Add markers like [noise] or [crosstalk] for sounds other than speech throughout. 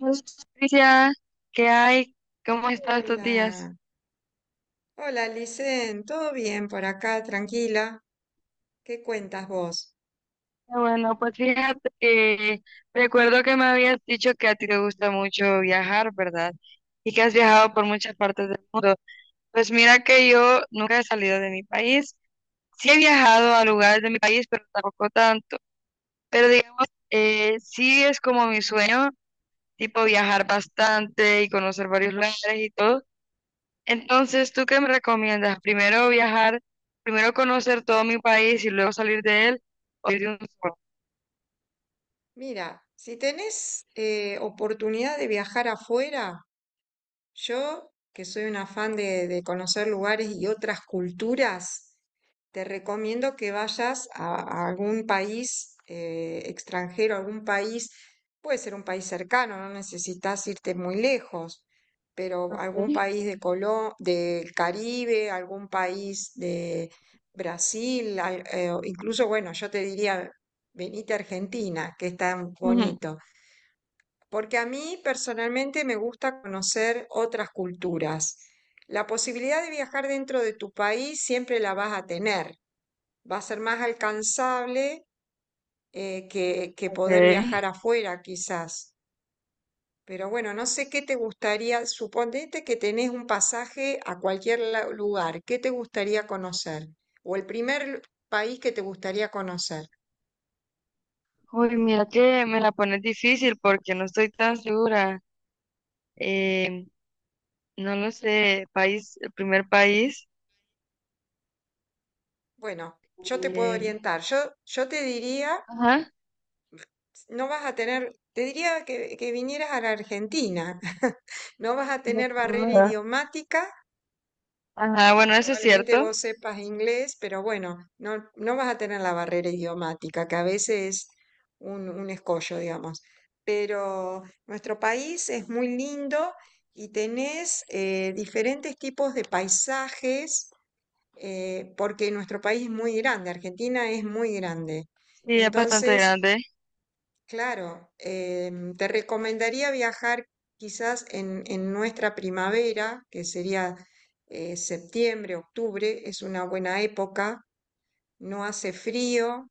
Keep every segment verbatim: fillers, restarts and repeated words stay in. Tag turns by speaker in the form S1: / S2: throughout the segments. S1: Hola, Patricia, ¿qué hay? ¿Cómo has estado estos días?
S2: Hola, hola Licen, ¿todo bien por acá? Tranquila, ¿qué cuentas vos?
S1: Ah, bueno, pues fíjate que recuerdo que me habías dicho que a ti te gusta mucho viajar, ¿verdad? Y que has viajado por muchas partes del mundo. Pues mira que yo nunca he salido de mi país. Sí he viajado a lugares de mi país, pero tampoco tanto. Pero digamos, eh, sí es como mi sueño, tipo viajar bastante y conocer varios lugares y todo. Entonces, ¿tú qué me recomiendas? ¿Primero viajar, primero conocer todo mi país y luego salir de él? ¿O ir de un solo?
S2: Mira, si tenés eh, oportunidad de viajar afuera. Yo, que soy una fan de, de conocer lugares y otras culturas, te recomiendo que vayas a, a algún país eh, extranjero, algún país, puede ser un país cercano, no necesitas irte muy lejos, pero algún
S1: Ok.
S2: país de Colo- del Caribe, algún país de Brasil, al- eh, o incluso, bueno, yo te diría, venite a Argentina, que es tan
S1: Ujú.
S2: bonito. Porque a mí personalmente me gusta conocer otras culturas. La posibilidad de viajar dentro de tu país siempre la vas a tener. Va a ser más alcanzable eh, que, que poder viajar
S1: Ok.
S2: afuera, quizás. Pero bueno, no sé qué te gustaría. Suponete que tenés un pasaje a cualquier la- lugar. ¿Qué te gustaría conocer? O el primer lu- país que te gustaría conocer.
S1: Uy, mira que me la pones difícil porque no estoy tan segura. Eh, no lo sé, país, el primer país.
S2: Bueno, yo te puedo
S1: eh,
S2: orientar. Yo, yo te diría
S1: ajá.
S2: no vas a tener, te diría que, que vinieras a la Argentina. [laughs] No vas a
S1: La
S2: tener barrera
S1: primera.
S2: idiomática.
S1: Ajá, bueno, eso es
S2: Probablemente
S1: cierto.
S2: vos sepas inglés, pero bueno, no, no vas a tener la barrera idiomática, que a veces es un, un escollo, digamos. Pero nuestro país es muy lindo y tenés eh, diferentes tipos de paisajes, eh, porque nuestro país es muy grande, Argentina es muy grande.
S1: Sí, es bastante
S2: Entonces,
S1: grande.
S2: claro, em, te recomendaría viajar quizás en, en nuestra primavera, que sería eh, septiembre, octubre, es una buena época, no hace frío,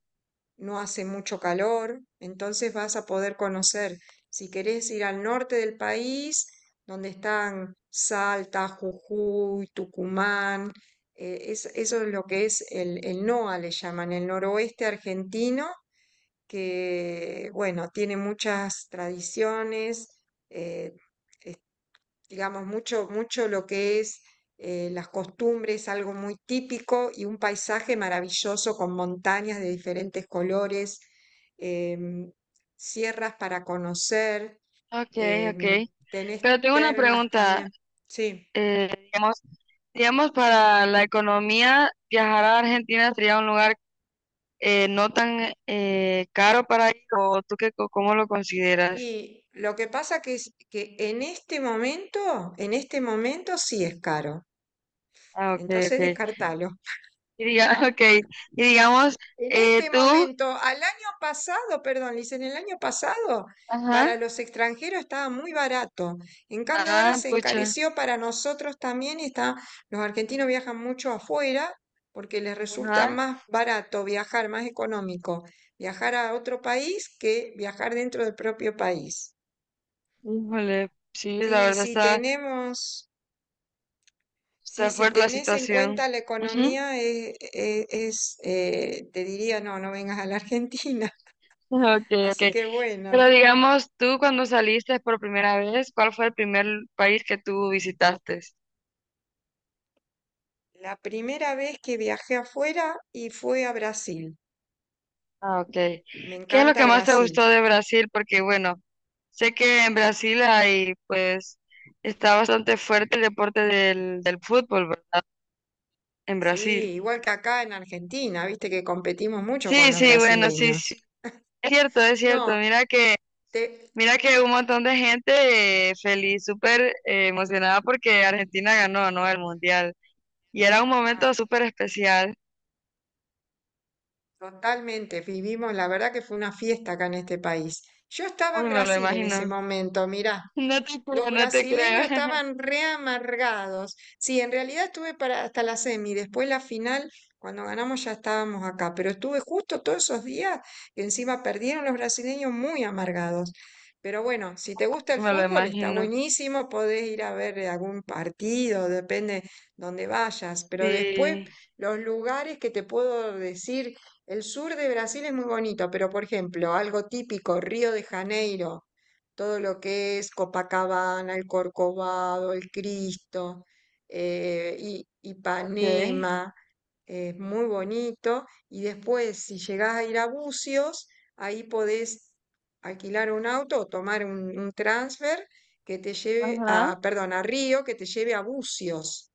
S2: no hace mucho calor, entonces vas a poder conocer, si querés ir al norte del país, donde están Salta, Jujuy, Tucumán, eh, es- eso es lo que es el, el N O A, le llaman, el noroeste argentino que, bueno, tiene muchas tradiciones, eh, digamos, mucho, mucho lo que es eh, las costumbres, algo muy típico y un paisaje maravilloso con montañas de diferentes colores, em, sierras para conocer,
S1: Ok, ok.
S2: em, tenés
S1: Pero tengo una
S2: termas
S1: pregunta.
S2: también. Sí,
S1: Eh, digamos, digamos, para la economía, viajar a Argentina sería un lugar eh, no tan eh, caro para ir, o tú qué, co- cómo lo consideras.
S2: y lo que pasa que es que en este momento, en este momento sí es caro.
S1: Ah, ok, ok.
S2: Entonces descartalo.
S1: Y, diga, [laughs] okay. Y digamos,
S2: En
S1: eh,
S2: este
S1: tú,
S2: momento, al año pasado, perdón, Liz, en el año pasado,
S1: ajá,
S2: para los extranjeros estaba muy barato. En cambio, ahora
S1: ah,
S2: se
S1: pucha,
S2: encareció para nosotros también. Y está, los argentinos viajan mucho afuera porque les resulta
S1: ajá,
S2: más barato viajar, más económico, viajar a otro país que viajar dentro del propio país.
S1: híjole, sí, la
S2: Sí,
S1: verdad
S2: si
S1: está,
S2: tenemos, sí,
S1: está
S2: si
S1: fuerte la
S2: tenés en
S1: situación.
S2: cuenta la
S1: Ujú.
S2: economía, eh, eh, es, eh, te diría, no, no vengas a la Argentina.
S1: Okay,
S2: Así
S1: okay.
S2: que
S1: Pero
S2: bueno,
S1: digamos, tú cuando saliste por primera vez, ¿cuál fue el primer país que tú visitaste?
S2: la primera vez que viajé afuera y fue a Brasil.
S1: Ah, ok. ¿Qué
S2: Me
S1: es lo
S2: encanta
S1: que más te
S2: Brasil.
S1: gustó de Brasil? Porque bueno, sé que en Brasil hay, pues, está bastante fuerte el deporte del, del fútbol, ¿verdad? En
S2: Sí,
S1: Brasil.
S2: igual que acá en Argentina, viste que competimos mucho
S1: Sí,
S2: con los
S1: sí, bueno, sí, sí.
S2: brasileños.
S1: Es cierto, es cierto.
S2: No,
S1: Mira que,
S2: te...
S1: mira que un montón de gente eh, feliz, súper eh, emocionada porque Argentina ganó, ¿no? El Mundial. Y era un momento
S2: claro,
S1: súper especial.
S2: totalmente, vivimos, la verdad que fue una fiesta acá en este país. Yo estaba en
S1: Uy, me lo
S2: Brasil en ese
S1: imagino.
S2: momento, mirá.
S1: [laughs] No te creo,
S2: Los
S1: no te
S2: brasileños
S1: creo.
S2: estaban re amargados. Sí, en realidad estuve para hasta la semi, después la final, cuando ganamos ya estábamos acá, pero estuve justo todos esos días y encima perdieron los brasileños muy amargados. Pero bueno, si te gusta
S1: [laughs]
S2: el
S1: Me lo
S2: fútbol, está
S1: imagino.
S2: buenísimo, podés ir a ver algún partido, depende donde vayas, pero después
S1: Sí.
S2: los lugares que te puedo decir, el sur de Brasil es muy bonito, pero por ejemplo, algo típico, Río de Janeiro, todo lo que es Copacabana, el Corcovado, el Cristo, eh, I-
S1: Ok.
S2: Ipanema, es muy bonito. Y después, si llegás a ir a Bucios, ahí podés alquilar un auto o tomar un, un transfer que te lleve
S1: Ajá.
S2: a, perdón, a Río, que te lleve a Bucios.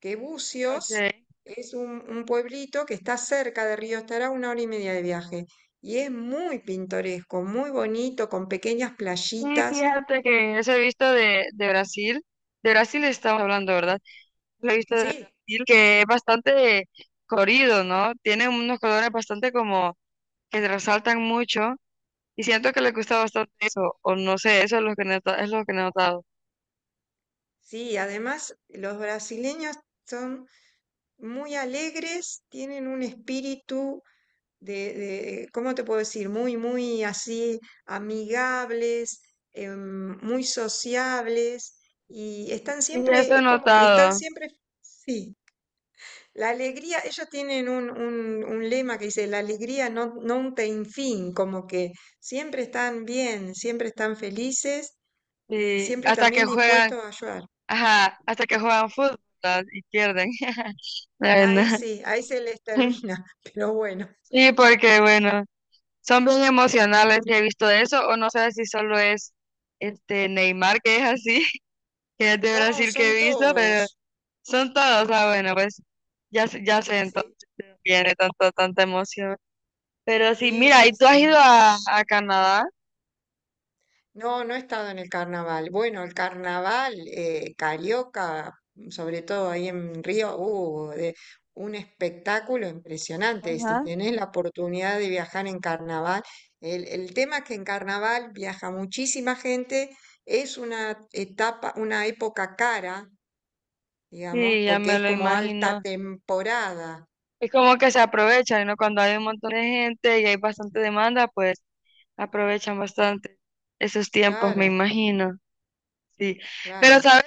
S2: Que Bucios
S1: Okay.
S2: es un, un pueblito que está cerca de Río, estará a una hora y media de viaje. Y es muy pintoresco, muy bonito, con pequeñas
S1: Sí,
S2: playitas.
S1: fíjate que eso he visto de, de Brasil, de Brasil estamos hablando, ¿verdad? Lo he visto de
S2: Sí,
S1: Brasil, que es bastante corrido, ¿no? Tiene unos colores bastante como que resaltan mucho y siento que le gusta bastante eso, o no sé, eso es lo que he nota- es lo que he notado.
S2: sí, además los brasileños son muy alegres, tienen un espíritu de, de, eh, ¿cómo te puedo decir? Muy, muy así amigables, em, muy sociables y están
S1: Y eso
S2: siempre,
S1: he
S2: es como que están
S1: notado,
S2: siempre, sí, la alegría, ellos tienen un, un- un lema que dice, la alegría no, no ten fin, como que siempre están bien, siempre están felices y
S1: y
S2: siempre
S1: hasta
S2: también
S1: que juegan,
S2: dispuestos a ayudar.
S1: ajá, hasta que juegan fútbol, ¿verdad? Y pierden. [laughs] La
S2: Ahí
S1: verdad.
S2: sí, ahí se les
S1: [laughs]
S2: termina, [laughs] pero bueno,
S1: Sí, porque bueno. Son bien emocionales, he visto eso, o no sé si solo es este Neymar que es así, [laughs] que es de
S2: no,
S1: Brasil que
S2: son
S1: he visto, pero
S2: todos.
S1: son todos, ah, bueno, pues ya, sé- ya sé entonces
S2: Sí,
S1: de dónde viene tanto, tanta emoción. Pero sí,
S2: sí,
S1: mira,
S2: sí,
S1: ¿y tú has
S2: sí.
S1: ido a, a Canadá?
S2: No, no he estado en el carnaval. Bueno, el carnaval eh, carioca, sobre todo ahí en Río, hubo un espectáculo impresionante. Si
S1: Ajá.
S2: tenés la oportunidad de viajar en carnaval, el, el tema es que en carnaval viaja muchísima gente, es una etapa, una época cara, digamos,
S1: Sí, ya
S2: porque
S1: me
S2: es
S1: lo
S2: como alta
S1: imagino.
S2: temporada.
S1: Es como que se aprovechan, ¿no? Cuando hay un montón de gente y hay bastante demanda, pues aprovechan bastante esos tiempos, me
S2: Claro,
S1: imagino. Sí. Pero,
S2: claro.
S1: ¿sabes?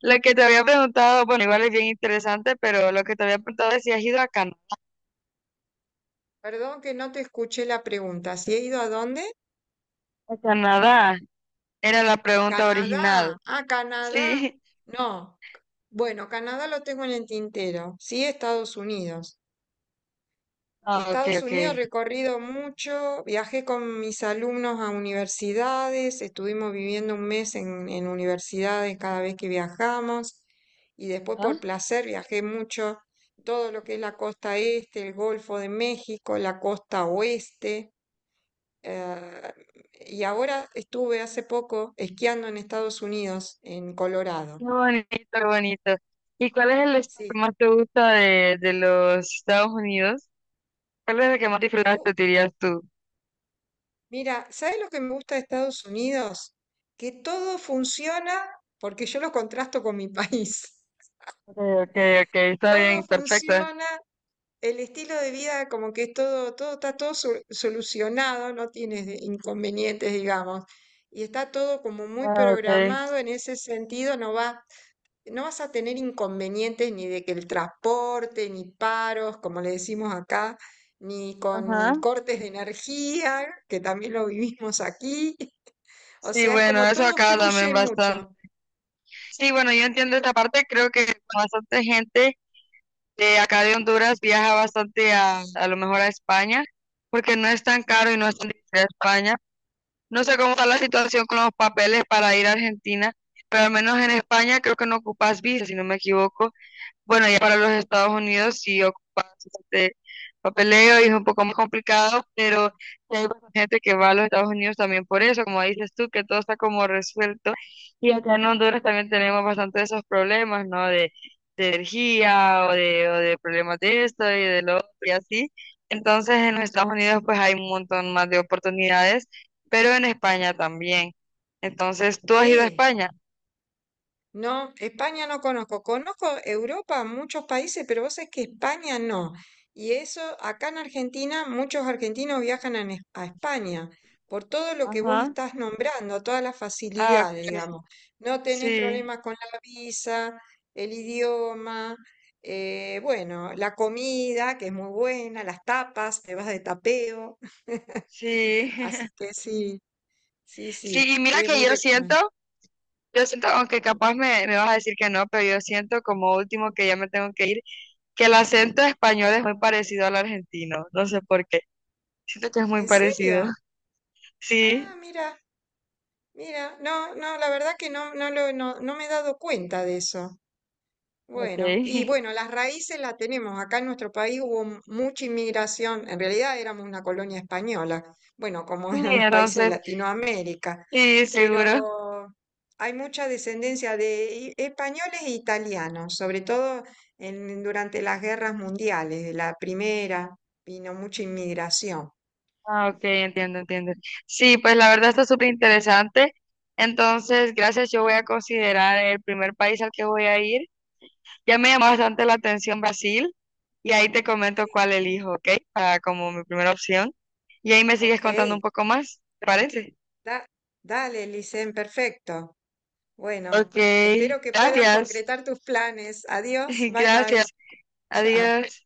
S1: Lo que te había preguntado, bueno, igual es bien interesante, pero lo que te había preguntado es si has ido a Canadá.
S2: Perdón que no te escuché la pregunta. ¿Si he ido a dónde?
S1: A Canadá era la pregunta original.
S2: Canadá. Ah, Canadá.
S1: Sí.
S2: No. Bueno, Canadá lo tengo en el tintero. Sí, Estados Unidos.
S1: Ah, ok,
S2: Estados
S1: ok.
S2: Unidos recorrido mucho, viajé con mis alumnos a universidades, estuvimos viviendo un mes en, en universidades cada vez que viajamos y después
S1: Ah,
S2: por placer viajé mucho todo lo que es la costa este, el Golfo de México, la costa oeste. Eh, y ahora estuve hace poco esquiando en Estados Unidos, en Colorado.
S1: qué bonito, qué bonito. ¿Y cuál es el estado
S2: Sí,
S1: que más te gusta de, de los Estados Unidos? ¿Cuál es el que más
S2: me gu-
S1: disfrutaste, dirías tú?
S2: mira, ¿sabes lo que me gusta de Estados Unidos? Que todo funciona, porque yo lo contrasto con mi país. [laughs]
S1: Ok, ok, ok, está
S2: Todo
S1: bien, perfecto.
S2: funciona, el estilo de vida como que es todo, todo está todo so- solucionado, no tienes de- inconvenientes, digamos. Y está todo como muy
S1: Ah, ok.
S2: programado en ese sentido, no va no vas a tener inconvenientes ni de que el transporte, ni paros, como le decimos acá, ni con
S1: Ajá.
S2: cortes de energía, que también lo vivimos aquí. [laughs] O
S1: Sí,
S2: sea, es
S1: bueno,
S2: como
S1: eso
S2: todo
S1: acá también
S2: fluye
S1: bastante.
S2: mucho.
S1: Sí, bueno, yo entiendo esta parte, creo que bastante gente de acá de Honduras viaja bastante a, a lo mejor a España, porque no es tan caro y no es tan difícil a España. No sé cómo está la situación con los papeles para ir a Argentina, pero al menos en España creo que no ocupas visa, si no me equivoco. Bueno, ya para los Estados Unidos sí ocupa bastante papeleo y es un poco más complicado, pero sí hay bastante gente que va a los Estados Unidos también por eso, como dices tú, que todo está como resuelto. Y acá en Honduras también tenemos bastante de esos problemas, ¿no? De, de energía o de, o de problemas de esto y de lo otro y así. Entonces en los Estados Unidos pues hay un montón más de oportunidades, pero en España también. Entonces, ¿tú has ido a
S2: Sí,
S1: España?
S2: no, España no conozco. Conozco Europa, muchos países, pero vos sabés que España no. Y eso, acá en Argentina, muchos argentinos viajan a, Ne- a España por todo lo que vos
S1: Ajá.
S2: estás nombrando, todas las
S1: Ah, ok.
S2: facilidades,
S1: Ok.
S2: digamos. No tenés
S1: Sí,
S2: problemas con la visa, el idioma, eh, bueno, la comida, que es muy buena, las tapas, te vas de tapeo. [laughs]
S1: sí.
S2: Así
S1: [laughs]
S2: que sí, sí, sí,
S1: Sí, y mira
S2: es
S1: que
S2: muy
S1: yo siento,
S2: recomendable.
S1: yo siento, aunque capaz me, me vas a decir que no, pero yo siento como último que ya me tengo que ir, que el acento español es muy parecido al argentino, no sé por qué, siento que es muy
S2: ¿En
S1: parecido.
S2: serio? Ah,
S1: Sí,
S2: mira. Mira, no, no, la verdad que no, no lo, no, no me he dado cuenta de eso.
S1: ok.
S2: Bueno, y bueno,
S1: [laughs]
S2: las raíces las tenemos. Acá en nuestro país hubo m- mucha inmigración. En realidad éramos una colonia española, bueno, como
S1: Sí,
S2: [laughs] eran los países de
S1: entonces,
S2: Latinoamérica.
S1: sí, seguro.
S2: Pero hay mucha descendencia de i- españoles e italianos, sobre todo en, durante las guerras mundiales. De la primera vino mucha inmigración.
S1: Ah, ok, entiendo, entiendo. Sí, pues la verdad está súper interesante. Entonces, gracias, yo voy a considerar el primer país al que voy a ir. Ya me llamó bastante la atención Brasil y ahí te comento
S2: Sí.
S1: cuál elijo, ¿ok? Para como mi primera opción. Y ahí me sigues
S2: Ok,
S1: contando un poco más, ¿te parece?
S2: da- dale, Licen, perfecto. Bueno,
S1: Ok,
S2: espero que puedas
S1: gracias.
S2: concretar tus planes. Adiós,
S1: [laughs]
S2: bye bye.
S1: Gracias.
S2: Chao.
S1: Adiós.